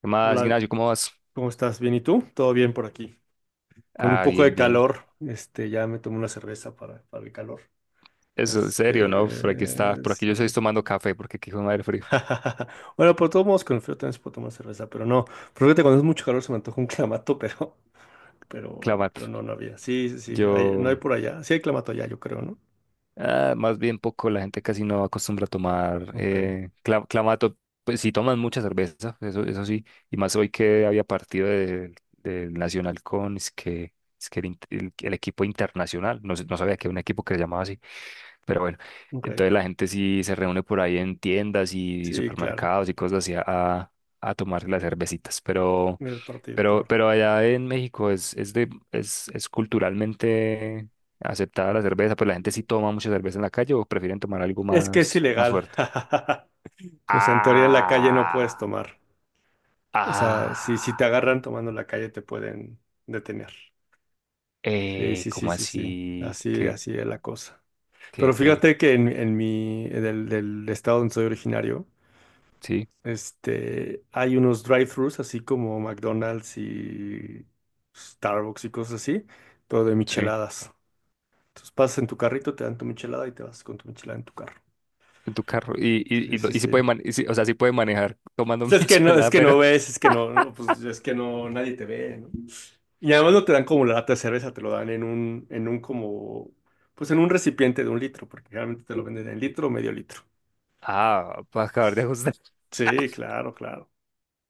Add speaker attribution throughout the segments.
Speaker 1: ¿Qué más,
Speaker 2: Hola,
Speaker 1: Ignacio? ¿Cómo vas?
Speaker 2: ¿cómo estás? ¿Bien? ¿Y tú? Todo bien por aquí. Con un
Speaker 1: Ah,
Speaker 2: poco de
Speaker 1: bien, bien.
Speaker 2: calor, ya me tomé una cerveza para el calor.
Speaker 1: Eso, en serio, ¿no?
Speaker 2: Este,
Speaker 1: Por aquí yo estoy
Speaker 2: sí.
Speaker 1: tomando café porque aquí hijo de madre frío.
Speaker 2: Bueno, por todos modos, con el frío también se puede tomar cerveza, pero no. Fíjate, cuando es mucho calor se me antoja un clamato, pero
Speaker 1: Clamato.
Speaker 2: no había. Sí, sí, sí, no hay
Speaker 1: Yo
Speaker 2: por allá. Sí hay clamato allá, yo creo, ¿no?
Speaker 1: Ah, más bien poco, la gente casi no acostumbra a tomar
Speaker 2: Ok,
Speaker 1: clamato. Pues sí toman mucha cerveza, eso sí. Y más hoy que había partido del Nacional con es que el equipo internacional. No, no sabía que había un equipo que se llamaba así. Pero bueno,
Speaker 2: ok.
Speaker 1: entonces la gente sí se reúne por ahí en tiendas y
Speaker 2: Sí, claro.
Speaker 1: supermercados y cosas así a, a tomar las cervecitas. Pero.
Speaker 2: En el partido,
Speaker 1: Pero,
Speaker 2: claro.
Speaker 1: pero allá en México es culturalmente aceptada la cerveza, pues la gente sí toma mucha cerveza en la calle o prefieren tomar algo
Speaker 2: Es que es
Speaker 1: más
Speaker 2: ilegal.
Speaker 1: fuerte.
Speaker 2: O sea, en teoría en la calle no puedes
Speaker 1: Ah,
Speaker 2: tomar. O sea, si te
Speaker 1: ah,
Speaker 2: agarran tomando en la calle, te pueden detener. Sí, sí, sí,
Speaker 1: ¿cómo
Speaker 2: sí, sí.
Speaker 1: así?
Speaker 2: Así, así es la cosa.
Speaker 1: Qué,
Speaker 2: Pero
Speaker 1: pe-
Speaker 2: fíjate que del estado donde soy originario,
Speaker 1: Sí,
Speaker 2: hay unos drive-thrus, así como McDonald's y Starbucks y cosas así, pero de
Speaker 1: sí,
Speaker 2: micheladas. Entonces pasas en tu carrito, te dan tu michelada y te vas con tu michelada en tu carro.
Speaker 1: en tu carro. Y, y,
Speaker 2: Sí,
Speaker 1: y,
Speaker 2: sí,
Speaker 1: y sí
Speaker 2: sí.
Speaker 1: puede o sea, sí puede manejar tomando
Speaker 2: Pues es
Speaker 1: michelada,
Speaker 2: que
Speaker 1: pero.
Speaker 2: no ves, es que pues es que no, nadie te ve, ¿no? Y además no te dan como la lata de cerveza, te lo dan en un como, pues en un recipiente de un litro, porque generalmente te lo venden en litro o medio litro.
Speaker 1: Ah, para acabar de ajustar.
Speaker 2: Sí, claro, claro.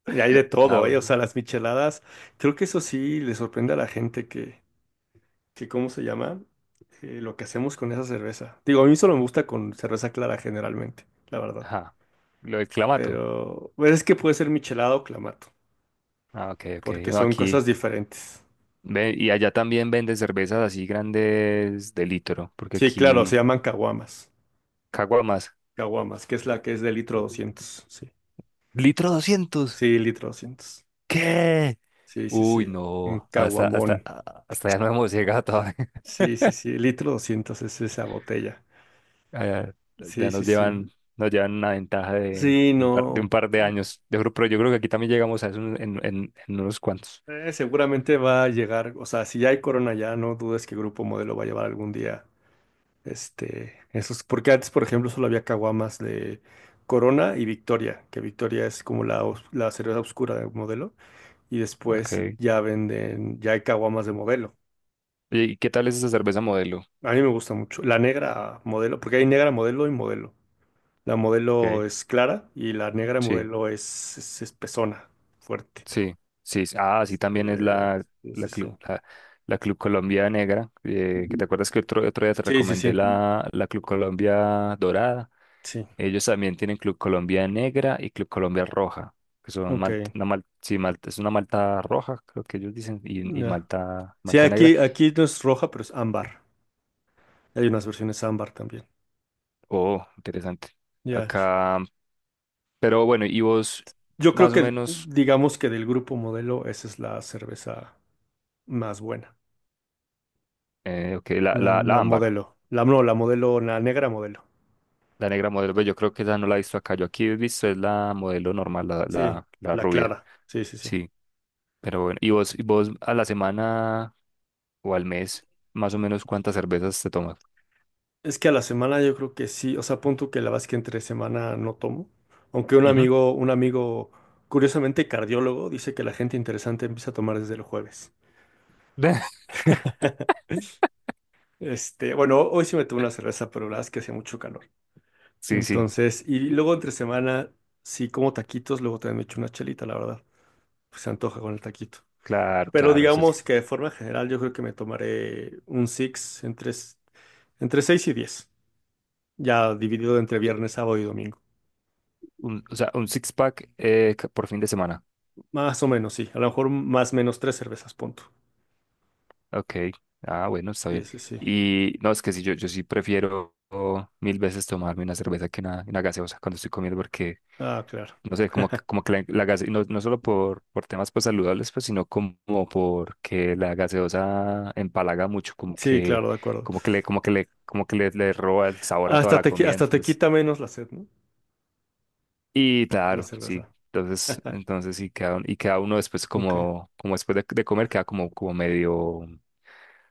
Speaker 2: Y hay de
Speaker 1: Ah,
Speaker 2: todo, ¿eh? O sea,
Speaker 1: bueno.
Speaker 2: las micheladas, creo que eso sí le sorprende a la gente que ¿cómo se llama? Lo que hacemos con esa cerveza. Digo, a mí solo me gusta con cerveza clara generalmente, la verdad.
Speaker 1: Ajá. Lo del clamato.
Speaker 2: Pero, pues, es que puede ser michelada o clamato,
Speaker 1: Ah, ok, ok.
Speaker 2: porque
Speaker 1: No,
Speaker 2: son cosas
Speaker 1: aquí.
Speaker 2: diferentes.
Speaker 1: Y allá también venden cervezas así grandes de litro, porque
Speaker 2: Sí, claro, se
Speaker 1: aquí
Speaker 2: llaman caguamas.
Speaker 1: caguamas.
Speaker 2: Caguamas, que es la que es de litro 200, sí.
Speaker 1: ¿Litro doscientos?
Speaker 2: Sí, litro 200.
Speaker 1: ¿Qué?
Speaker 2: Sí, sí,
Speaker 1: Uy,
Speaker 2: sí. En
Speaker 1: no, hasta, hasta,
Speaker 2: Caguamón.
Speaker 1: a- hasta ya no hemos llegado todavía.
Speaker 2: Sí, sí, sí. Litro 200 es esa botella.
Speaker 1: Allá
Speaker 2: Sí,
Speaker 1: Ya
Speaker 2: sí,
Speaker 1: nos
Speaker 2: sí.
Speaker 1: llevan, nos llevan una ventaja de,
Speaker 2: Sí,
Speaker 1: un par, de un
Speaker 2: no.
Speaker 1: par de años. Yo creo, pero yo creo que aquí también llegamos a eso en, en unos cuantos.
Speaker 2: Seguramente va a llegar. O sea, si ya hay Corona ya, no dudes que Grupo Modelo va a llevar algún día. Esos. Porque antes, por ejemplo, solo había caguamas de Corona y Victoria, que Victoria es como la cerveza oscura de Modelo. Y después
Speaker 1: Okay.
Speaker 2: ya venden, ya hay caguamas de Modelo.
Speaker 1: Oye, ¿y qué tal es esa cerveza modelo?
Speaker 2: A mí me gusta mucho. La negra Modelo, porque hay negra Modelo y Modelo. La
Speaker 1: Ok,
Speaker 2: Modelo es clara y la negra
Speaker 1: sí.
Speaker 2: Modelo es espesona, fuerte.
Speaker 1: Sí, sí, sí. Ah, sí, también es
Speaker 2: Este, sí, sí,
Speaker 1: la
Speaker 2: sí.
Speaker 1: Club, la, la Club Colombia Negra, que te acuerdas que otro día te
Speaker 2: Sí, sí,
Speaker 1: recomendé
Speaker 2: sí.
Speaker 1: la Club Colombia Dorada.
Speaker 2: Sí,
Speaker 1: Ellos también tienen Club Colombia Negra y Club Colombia Roja, que son
Speaker 2: ok.
Speaker 1: malta, malta, es una malta roja, creo que ellos dicen, y
Speaker 2: Ya.
Speaker 1: malta,
Speaker 2: Sí,
Speaker 1: malta negra.
Speaker 2: aquí no es roja, pero es ámbar. Hay unas versiones ámbar también.
Speaker 1: Oh, interesante.
Speaker 2: Ya.
Speaker 1: Acá, pero bueno, y vos,
Speaker 2: Yo creo
Speaker 1: más o
Speaker 2: que,
Speaker 1: menos,
Speaker 2: digamos que del Grupo Modelo, esa es la cerveza más buena.
Speaker 1: ok, la,
Speaker 2: La,
Speaker 1: la, la
Speaker 2: la
Speaker 1: ámbar.
Speaker 2: Modelo. La, no, la Modelo, la negra Modelo.
Speaker 1: La negra modelo, pues yo creo que esa no la he visto acá. Yo aquí he visto es la modelo normal, la,
Speaker 2: Sí,
Speaker 1: la, la
Speaker 2: la
Speaker 1: rubia.
Speaker 2: clara. Sí, sí, sí.
Speaker 1: Sí, pero bueno. ¿Y vos a la semana o al mes, más o menos cuántas cervezas te tomas?
Speaker 2: Es que a la semana yo creo que sí, o sea, pon tú que la verdad es que entre semana no tomo, aunque un
Speaker 1: Ujú.
Speaker 2: amigo, un amigo, curiosamente cardiólogo, dice que la gente interesante empieza a tomar desde el jueves. Bueno, hoy sí me tomé una cerveza, pero la verdad es que hace mucho calor.
Speaker 1: Sí, sí,
Speaker 2: Entonces, y luego entre semana, sí como taquitos, luego también me echo una chelita, la verdad, pues se antoja con el taquito.
Speaker 1: claro,
Speaker 2: Pero
Speaker 1: claro. O sea,
Speaker 2: digamos que de forma general yo creo que me tomaré un six entre 6 y 10, ya dividido entre
Speaker 1: eh,
Speaker 2: viernes, sábado y domingo.
Speaker 1: o sea, un six pack, por fin de semana.
Speaker 2: Más o menos, sí. A lo mejor más menos tres cervezas, punto.
Speaker 1: Ok. Ah, bueno, está
Speaker 2: Sí,
Speaker 1: bien.
Speaker 2: sí, sí.
Speaker 1: Y no, es que sí, yo sí prefiero mil veces tomarme una cerveza que una gaseosa cuando estoy comiendo porque
Speaker 2: Ah, claro.
Speaker 1: no sé, como que no, no solo por temas pues saludables, pues, sino como porque la gaseosa empalaga mucho,
Speaker 2: Sí, claro, de acuerdo.
Speaker 1: como que le, como que le, como que le roba el sabor a toda
Speaker 2: Hasta
Speaker 1: la
Speaker 2: te, qui-
Speaker 1: comida,
Speaker 2: hasta te
Speaker 1: entonces,
Speaker 2: quita menos la sed, ¿no?
Speaker 1: y
Speaker 2: La
Speaker 1: claro, sí.
Speaker 2: cerveza.
Speaker 1: Entonces, entonces sí queda, y queda uno después
Speaker 2: Ok.
Speaker 1: como, como después de comer, queda como,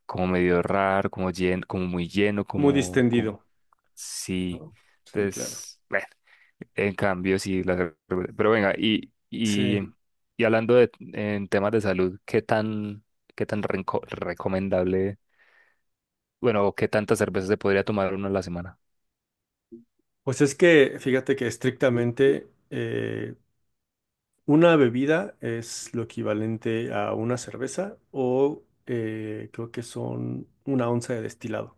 Speaker 1: como medio raro, como lleno, como muy lleno,
Speaker 2: Muy
Speaker 1: como, como
Speaker 2: distendido,
Speaker 1: sí.
Speaker 2: ¿no? Sí, claro.
Speaker 1: Entonces, bueno. En cambio, sí, la cerveza. Pero venga, y, y,
Speaker 2: Sí.
Speaker 1: y hablando de, en temas de salud, ¿qué tan recomendable, bueno, o qué tanta cerveza se podría tomar uno a la semana?
Speaker 2: Pues es que, fíjate que estrictamente una bebida es lo equivalente a una cerveza o creo que son 1 onza de destilado.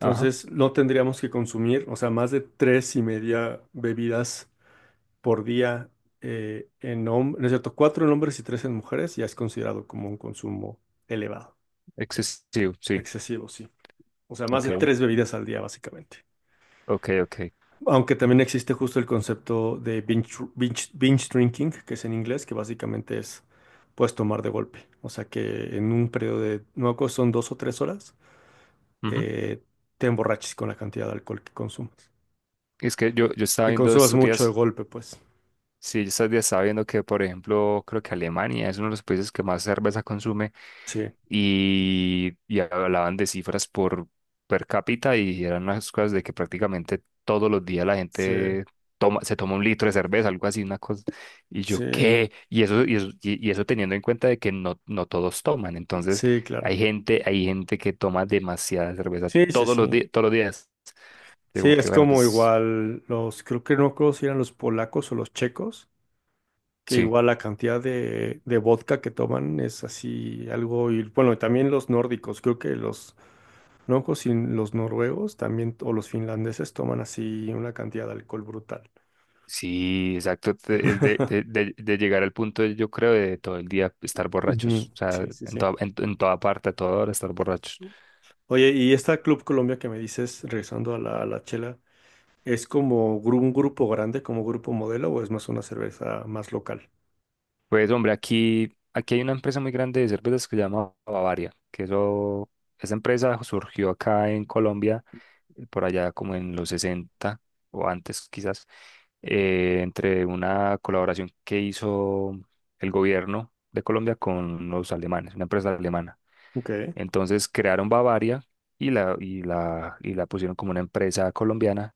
Speaker 1: Ajá,
Speaker 2: no tendríamos que consumir, o sea, más de tres y media bebidas por día, en hombres, no es cierto, cuatro en hombres y tres en mujeres ya es considerado como un consumo elevado,
Speaker 1: excesivo, sí,
Speaker 2: excesivo, sí. O sea, más
Speaker 1: ok,
Speaker 2: de tres bebidas al día, básicamente.
Speaker 1: ok, ok.
Speaker 2: Aunque también existe justo el concepto de binge drinking, que es en inglés, que básicamente es, puedes tomar de golpe. O sea, que en un periodo de, no me acuerdo, si son 2 o 3 horas,
Speaker 1: Ujú.
Speaker 2: eh, te emborraches con la cantidad de alcohol que consumas.
Speaker 1: Es que yo estaba
Speaker 2: Que
Speaker 1: viendo
Speaker 2: consumas
Speaker 1: estos
Speaker 2: mucho de
Speaker 1: días,
Speaker 2: golpe, pues.
Speaker 1: sí, estos días estaba viendo que, por ejemplo, creo que Alemania es uno de los países que más cerveza consume
Speaker 2: Sí,
Speaker 1: y hablaban de cifras por per cápita y eran unas cosas de que prácticamente todos los días la
Speaker 2: sí,
Speaker 1: gente toma, se toma un litro de cerveza, algo así, una cosa. Y
Speaker 2: sí,
Speaker 1: yo, ¿qué? Y eso teniendo en cuenta de que no, no todos toman. Entonces,
Speaker 2: sí,
Speaker 1: hay
Speaker 2: claro.
Speaker 1: gente, hay gente que toma demasiada cerveza
Speaker 2: Sí, sí,
Speaker 1: todos los
Speaker 2: sí.
Speaker 1: días, todos los días. Y
Speaker 2: Sí,
Speaker 1: como que,
Speaker 2: es
Speaker 1: bueno,
Speaker 2: como
Speaker 1: pues
Speaker 2: igual los, creo que no me acuerdo si eran los polacos o los checos, que
Speaker 1: sí.
Speaker 2: igual la cantidad de vodka que toman es así algo, y bueno, y también los nórdicos, creo que los, no me acuerdo si los noruegos también, o los finlandeses toman así una cantidad de alcohol brutal.
Speaker 1: Sí, exacto. Es de, de, de- de llegar al punto, yo creo, de todo el día estar borrachos.
Speaker 2: Ujú.
Speaker 1: O sea,
Speaker 2: Sí, sí,
Speaker 1: en
Speaker 2: sí.
Speaker 1: toda, en, en toda parte, a toda hora estar borrachos.
Speaker 2: Oye, y esta Club Colombia que me dices, regresando a la chela, ¿es como un grupo grande, como Grupo Modelo, o es más una cerveza más local?
Speaker 1: Pues, hombre, aquí hay una empresa muy grande de cervezas que se llama Bavaria, que eso, esa empresa surgió acá en Colombia, por allá como en los 60 o antes quizás, entre una colaboración que hizo el gobierno de Colombia con los alemanes, una empresa alemana.
Speaker 2: Ok.
Speaker 1: Entonces crearon Bavaria y la, y la pusieron como una empresa colombiana.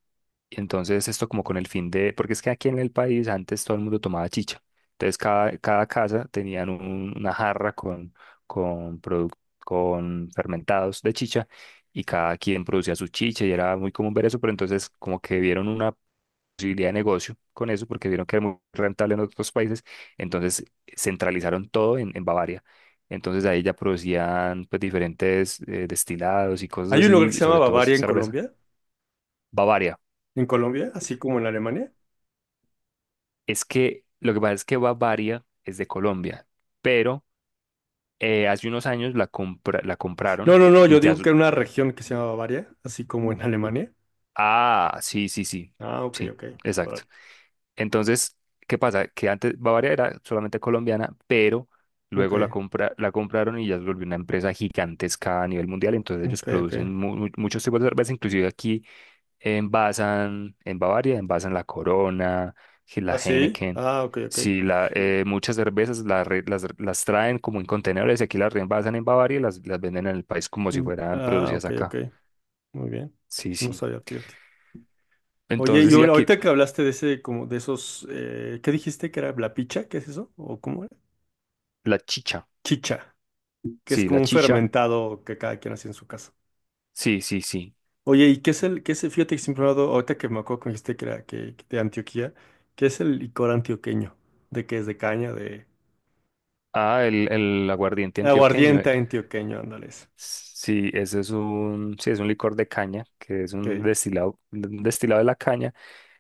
Speaker 1: Y entonces esto como con el fin de, porque es que aquí en el país antes todo el mundo tomaba chicha. Entonces cada casa tenían una jarra con, produc- con fermentados de chicha y cada quien producía su chicha y era muy común ver eso, pero entonces como que vieron una posibilidad de negocio con eso porque vieron que era muy rentable en otros países, entonces centralizaron todo en Bavaria. Entonces ahí ya producían pues diferentes destilados y cosas
Speaker 2: Hay un lugar
Speaker 1: así,
Speaker 2: que
Speaker 1: y
Speaker 2: se llama
Speaker 1: sobre todo
Speaker 2: Bavaria en
Speaker 1: cerveza.
Speaker 2: Colombia.
Speaker 1: Bavaria.
Speaker 2: ¿En Colombia? ¿Así como en Alemania?
Speaker 1: Es que lo que pasa es que Bavaria es de Colombia, pero hace unos años la
Speaker 2: No,
Speaker 1: compraron
Speaker 2: no, no,
Speaker 1: y
Speaker 2: yo
Speaker 1: ya.
Speaker 2: digo que era una región que se llama Bavaria, así como en Alemania.
Speaker 1: Ah, sí, sí, sí,
Speaker 2: Ah, ok,
Speaker 1: sí,
Speaker 2: ok,
Speaker 1: exacto.
Speaker 2: órale.
Speaker 1: Entonces, ¿qué pasa? Que antes Bavaria era solamente colombiana, pero
Speaker 2: Ok,
Speaker 1: luego la compraron y ya se volvió una empresa gigantesca a nivel mundial. Entonces ellos
Speaker 2: ok, ok.
Speaker 1: producen muchos tipos de cerveza, inclusive aquí envasan en Bavaria, envasan la Corona, que la
Speaker 2: ¿Ah, sí?
Speaker 1: Heineken.
Speaker 2: Ah, ok, ok.
Speaker 1: Sí, la, muchas cervezas las traen como en contenedores y aquí las reenvasan en Bavaria y las venden en el país como si
Speaker 2: Mm.
Speaker 1: fueran
Speaker 2: Ah,
Speaker 1: producidas
Speaker 2: ok, ok.
Speaker 1: acá.
Speaker 2: Muy bien.
Speaker 1: Sí,
Speaker 2: No
Speaker 1: sí.
Speaker 2: sabía, fíjate. Oye, y
Speaker 1: Entonces, y aquí
Speaker 2: ahorita que hablaste de ese, como de esos, ¿qué dijiste que era la picha? ¿Qué es eso? ¿O cómo era?
Speaker 1: la chicha.
Speaker 2: Chicha, que es
Speaker 1: Sí,
Speaker 2: como
Speaker 1: la
Speaker 2: un
Speaker 1: chicha.
Speaker 2: fermentado que cada quien hace en su casa.
Speaker 1: Sí, sí, sí.
Speaker 2: Oye, ¿y fíjate que siempre he hablado, ahorita que me acuerdo que me dijiste que era que de Antioquía, qué es el licor antioqueño? ¿De qué es? ¿De caña? ¿De
Speaker 1: Ah, el aguardiente antioqueño.
Speaker 2: aguardiente antioqueño? Ándale, ese.
Speaker 1: Sí, ese es un, sí, es un licor de caña, que es un
Speaker 2: Que,
Speaker 1: destilado, un destilado de la caña,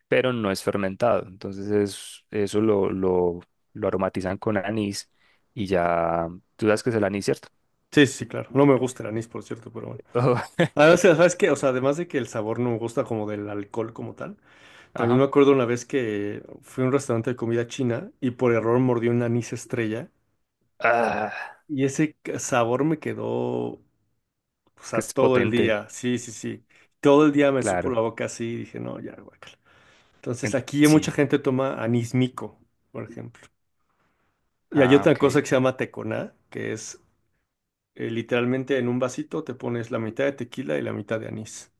Speaker 1: pero no es fermentado. Entonces es, eso lo aromatizan con anís y ya, tú sabes que es el anís, ¿cierto?
Speaker 2: sí, sí, sí, claro. No me gusta el anís, por cierto, pero bueno.
Speaker 1: Oh,
Speaker 2: Además, ¿sabes qué? O sea,
Speaker 1: eh,
Speaker 2: además de que el sabor no me gusta como del alcohol como tal, también
Speaker 1: ajá.
Speaker 2: me acuerdo una vez que fui a un restaurante de comida china y por error mordí un anís estrella
Speaker 1: Ah,
Speaker 2: y ese sabor me quedó, o
Speaker 1: es que
Speaker 2: sea,
Speaker 1: es
Speaker 2: todo el
Speaker 1: potente,
Speaker 2: día. Sí, sí, sí. Todo el día me supo
Speaker 1: claro.
Speaker 2: la boca así y dije, no, ya, guacala. Entonces
Speaker 1: En-
Speaker 2: aquí
Speaker 1: sí.
Speaker 2: mucha gente toma anís Mico, por ejemplo. Y hay
Speaker 1: Ah,
Speaker 2: otra cosa
Speaker 1: ok.
Speaker 2: que se llama teconá, que es literalmente en un vasito te pones la mitad de tequila y la mitad de anís.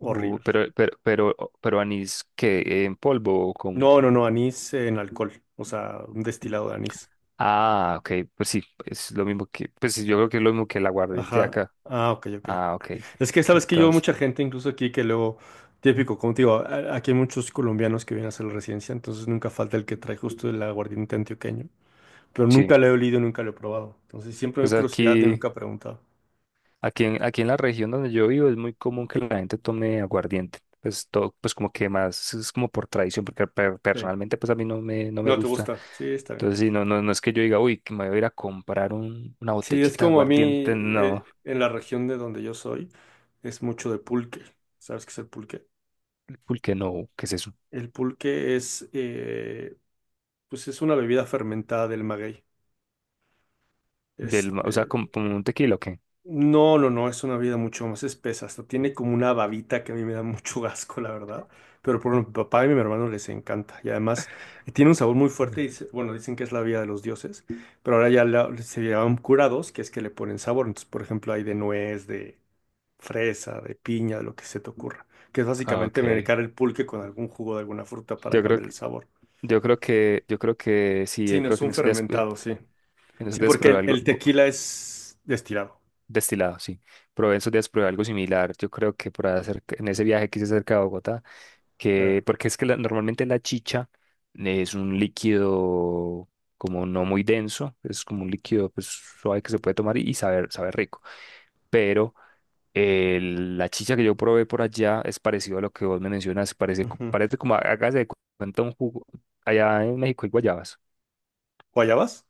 Speaker 1: Uh,
Speaker 2: Horrible.
Speaker 1: pero, pero, pero, pero anís que en polvo o con
Speaker 2: No, no, no, anís en alcohol, o sea, un destilado de anís.
Speaker 1: Ah, ok, pues sí, es lo mismo que, pues sí, yo creo que es lo mismo que el aguardiente de
Speaker 2: Ajá.
Speaker 1: acá.
Speaker 2: Ah, ok, ok.
Speaker 1: Ah, ok.
Speaker 2: Es que sabes que yo
Speaker 1: Entonces,
Speaker 2: mucha gente, incluso aquí, que luego, típico como contigo, aquí hay muchos colombianos que vienen a hacer la residencia, entonces nunca falta el que trae justo el aguardiente antioqueño. Pero
Speaker 1: sí,
Speaker 2: nunca lo he olido, nunca lo he probado. Entonces siempre me
Speaker 1: pues
Speaker 2: da curiosidad y
Speaker 1: aquí,
Speaker 2: nunca he preguntado.
Speaker 1: aquí en, aquí en la región donde yo vivo es muy común que la gente tome aguardiente. Pues todo, pues como que más, es como por tradición, porque
Speaker 2: Sí.
Speaker 1: personalmente pues a mí no me, no me
Speaker 2: No te
Speaker 1: gusta.
Speaker 2: gusta. Sí, está bien.
Speaker 1: Entonces, sí, no es que yo diga, uy, que me voy a ir a comprar una
Speaker 2: Sí, es
Speaker 1: botellita de
Speaker 2: como a
Speaker 1: aguardiente,
Speaker 2: mí,
Speaker 1: no,
Speaker 2: en la región de donde yo soy, es mucho de pulque. ¿Sabes qué es el pulque?
Speaker 1: porque no, ¿qué es eso?
Speaker 2: El pulque pues es una bebida fermentada del maguey.
Speaker 1: Del, ma- o sea,
Speaker 2: Este,
Speaker 1: como, como un tequila, ¿o qué?
Speaker 2: no, no, no, es una bebida mucho más espesa. Hasta tiene como una babita que a mí me da mucho asco, la verdad. Pero por ejemplo, mi papá y mi hermano les encanta. Y además tiene un sabor muy fuerte. Y, bueno, dicen que es la bebida de los dioses. Pero ahora ya se llaman curados, que es que le ponen sabor. Entonces, por ejemplo, hay de nuez, de fresa, de piña, de lo que se te ocurra, que es
Speaker 1: Ah,
Speaker 2: básicamente
Speaker 1: ok.
Speaker 2: medicar el pulque con algún jugo de alguna fruta para
Speaker 1: Yo creo
Speaker 2: cambiar el sabor.
Speaker 1: Yo creo que sí,
Speaker 2: Sí,
Speaker 1: yo
Speaker 2: no
Speaker 1: creo
Speaker 2: es
Speaker 1: que en
Speaker 2: un
Speaker 1: esos días,
Speaker 2: fermentado, sí. Sí, porque
Speaker 1: probé
Speaker 2: el,
Speaker 1: algo
Speaker 2: el tequila es destilado.
Speaker 1: destilado, sí. Probé En esos días probé algo similar. Yo creo que por hacer, en ese viaje que hice cerca de Bogotá,
Speaker 2: Ah,
Speaker 1: que, porque es que la- normalmente la chicha es un líquido como no muy denso, es como un líquido pues, suave que se puede tomar y saber, sabe rico. Pero la chicha que yo probé por allá es parecido a lo que vos me mencionas, parece,
Speaker 2: ujú.
Speaker 1: parece como, hágase de cuenta un jugo allá en México hay guayabas.
Speaker 2: ¿Guayabas?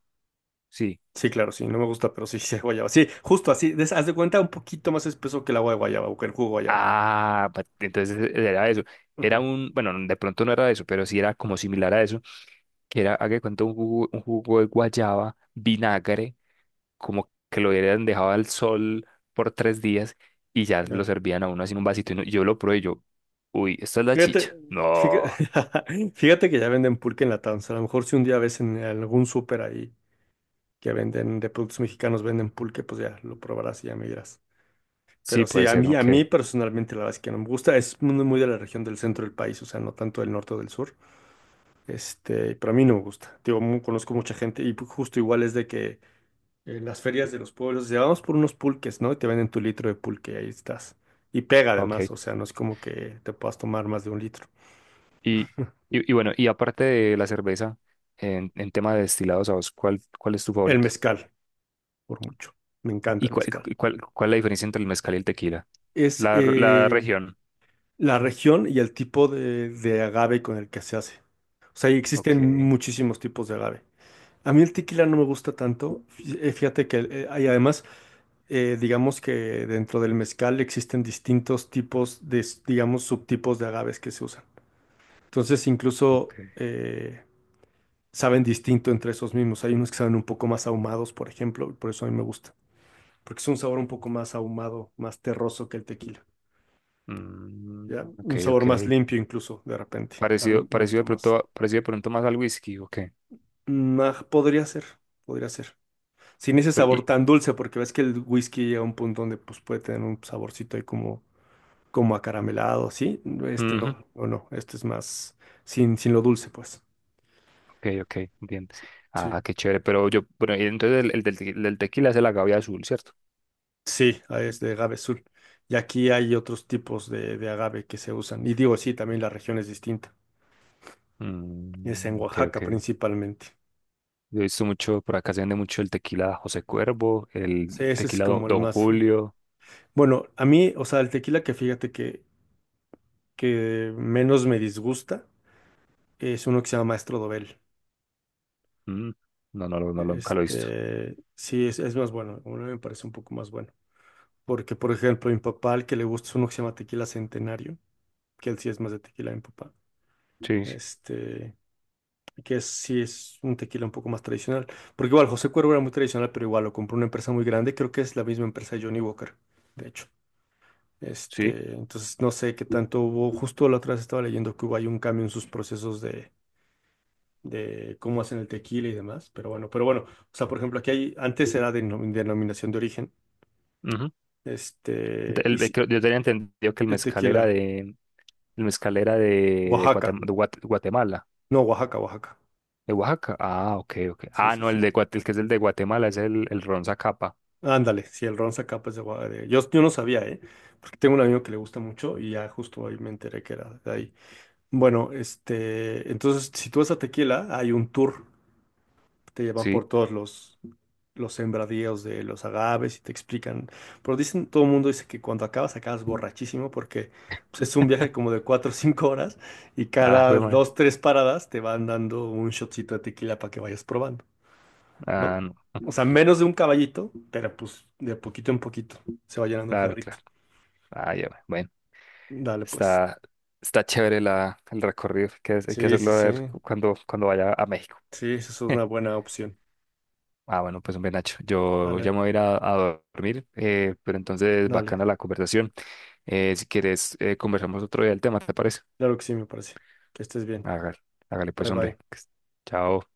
Speaker 1: Sí.
Speaker 2: Sí, claro, sí, no me gusta, pero sí, sí, hay guayaba. Sí, justo así, haz de cuenta un poquito más espeso que el agua de guayaba o que el jugo de guayaba.
Speaker 1: Entonces era eso. Era
Speaker 2: Ajá,
Speaker 1: un, bueno, de pronto no era eso, pero sí era como similar a eso, que era, haga de cuenta, un jugo de guayaba, vinagre, como que lo hubieran dejado al sol por tres días y ya lo
Speaker 2: ya.
Speaker 1: servían a uno así en un vasito. Y yo lo probé y yo, uy, esta es la
Speaker 2: Fíjate,
Speaker 1: chicha. No,
Speaker 2: fíjate, fíjate que ya venden pulque en la tanza. A lo mejor si un día ves en algún súper ahí que venden de productos mexicanos, venden pulque, pues ya lo probarás y ya me dirás.
Speaker 1: sí
Speaker 2: Pero sí,
Speaker 1: puede
Speaker 2: a
Speaker 1: ser,
Speaker 2: mí, a
Speaker 1: ok,
Speaker 2: mí personalmente la verdad es que no me gusta. Es muy muy de la región del centro del país, o sea, no tanto del norte o del sur. Pero a mí no me gusta. Digo, conozco mucha gente y justo igual es de que en las ferias de los pueblos, ya vamos por unos pulques, ¿no? Y te venden tu litro de pulque y ahí estás. Y pega
Speaker 1: ok.
Speaker 2: además, o sea, no es como que te puedas tomar más de un litro.
Speaker 1: Y, y bueno, y aparte de la cerveza, en tema de destilados, ¿a vos cuál es tu
Speaker 2: El
Speaker 1: favorito?
Speaker 2: mezcal, por mucho. Me encanta
Speaker 1: ¿Y
Speaker 2: el
Speaker 1: cuál,
Speaker 2: mezcal.
Speaker 1: cuál, cuál es la diferencia entre el mezcal y el tequila?
Speaker 2: Es
Speaker 1: La región.
Speaker 2: la región y el tipo de agave con el que se hace. O sea, y
Speaker 1: Ok,
Speaker 2: existen muchísimos tipos de agave. A mí el tequila no me gusta tanto. Fíjate que hay además, digamos que dentro del mezcal existen distintos tipos de, digamos, subtipos de agaves que se usan. Entonces,
Speaker 1: ok.
Speaker 2: incluso saben distinto entre esos mismos. Hay unos que saben un poco más ahumados, por ejemplo, y por eso a mí me gusta. Porque es un sabor un poco más ahumado, más terroso que el tequila,
Speaker 1: Mm,
Speaker 2: ¿ya?
Speaker 1: ok,
Speaker 2: Un sabor
Speaker 1: ok.
Speaker 2: más limpio incluso, de repente. A mí
Speaker 1: Parecido,
Speaker 2: me gusta más.
Speaker 1: parecido de pronto más al whisky, ok.
Speaker 2: Mm, ah, podría ser, podría ser. Sin ese
Speaker 1: Pero-
Speaker 2: sabor
Speaker 1: y,
Speaker 2: tan dulce, porque ves que el whisky llega a un punto donde pues, puede tener un saborcito ahí como, acaramelado, ¿sí? Este
Speaker 1: ujú,
Speaker 2: no, o no, este es más sin lo dulce, pues.
Speaker 1: ok, ok, bien.
Speaker 2: Sí.
Speaker 1: Ah, qué chévere, pero yo, bueno, y entonces el del tequila es el agave azul, ¿cierto?
Speaker 2: Sí, ah, es de agave azul. Y aquí hay otros tipos de agave que se usan. Y digo, sí, también la región es distinta. Es
Speaker 1: Mm,
Speaker 2: en
Speaker 1: ok,
Speaker 2: Oaxaca
Speaker 1: ok.
Speaker 2: principalmente.
Speaker 1: Yo he visto mucho, por acá se vende mucho el tequila José Cuervo,
Speaker 2: Sí,
Speaker 1: el
Speaker 2: ese es
Speaker 1: tequila
Speaker 2: como el
Speaker 1: Don
Speaker 2: más.
Speaker 1: Julio.
Speaker 2: Bueno, a mí, o sea, el tequila que menos me disgusta es uno que se llama Maestro Dobel.
Speaker 1: Mm, no, no, no, nunca lo he visto.
Speaker 2: Sí, es más bueno. A mí me parece un poco más bueno. Porque, por ejemplo, mi papá, al que le gusta es uno que se llama Tequila Centenario, que él sí es más de tequila de mi papá.
Speaker 1: Sí, sí.
Speaker 2: Este, que es, sí es un tequila un poco más tradicional. Porque igual José Cuervo era muy tradicional, pero igual lo compró una empresa muy grande. Creo que es la misma empresa de Johnny Walker, de hecho.
Speaker 1: Sí,
Speaker 2: Entonces no sé qué tanto hubo. Justo la otra vez estaba leyendo que hubo ahí un cambio en sus procesos de cómo hacen el tequila y demás. Pero bueno, pero bueno. O sea, por ejemplo, aquí hay, antes era de denominación de origen.
Speaker 1: ujú. El te-
Speaker 2: Y
Speaker 1: el-
Speaker 2: sí,
Speaker 1: creo- Yo tenía entendido que el mezcal era
Speaker 2: tequila,
Speaker 1: de, el mezcalera de, de,
Speaker 2: Oaxaca.
Speaker 1: Guatem- de Guat- Guatemala,
Speaker 2: No, Oaxaca, Oaxaca.
Speaker 1: de Oaxaca. Ah, ok, ok.
Speaker 2: Sí,
Speaker 1: Ah,
Speaker 2: sí,
Speaker 1: no,
Speaker 2: sí.
Speaker 1: el que es el de Guatemala es el ron Zacapa.
Speaker 2: Ándale, si el ron Zacapa es de Oaxaca. Yo no sabía, ¿eh? Porque tengo un amigo que le gusta mucho y ya justo ahí me enteré que era de ahí. Bueno, entonces, si tú vas a Tequila, hay un tour, te llevan
Speaker 1: Sí.
Speaker 2: por todos los sembradíos de los agaves y te explican. Pero dicen, todo el mundo dice que cuando acabas, acabas borrachísimo porque pues, es un viaje como de 4 o 5 horas y
Speaker 1: Ah,
Speaker 2: cada
Speaker 1: fue mal.
Speaker 2: 2 3 paradas te van dando un shotcito de tequila para que vayas probando,
Speaker 1: Ah,
Speaker 2: ¿no?
Speaker 1: no.
Speaker 2: O sea, menos de un caballito, pero pues de poquito en poquito se va llenando el
Speaker 1: Claro,
Speaker 2: jarrito.
Speaker 1: claro. Ah, ya, ve. Bueno.
Speaker 2: Dale, pues.
Speaker 1: Está, está chévere la, el recorrido. Hay que
Speaker 2: Sí, sí,
Speaker 1: hacerlo a
Speaker 2: sí.
Speaker 1: ver cuando, cuando vaya a México.
Speaker 2: Sí, esa es una buena opción.
Speaker 1: Ah, bueno, pues hombre, Nacho, yo ya
Speaker 2: Dale,
Speaker 1: me voy a ir a dormir, pero entonces
Speaker 2: dale.
Speaker 1: bacana la conversación. Si quieres, conversamos otro día del tema, ¿te parece?
Speaker 2: Claro que sí, me parece. Que estés bien.
Speaker 1: Hágale, hágale pues,
Speaker 2: Bye,
Speaker 1: hombre.
Speaker 2: bye.
Speaker 1: Chao.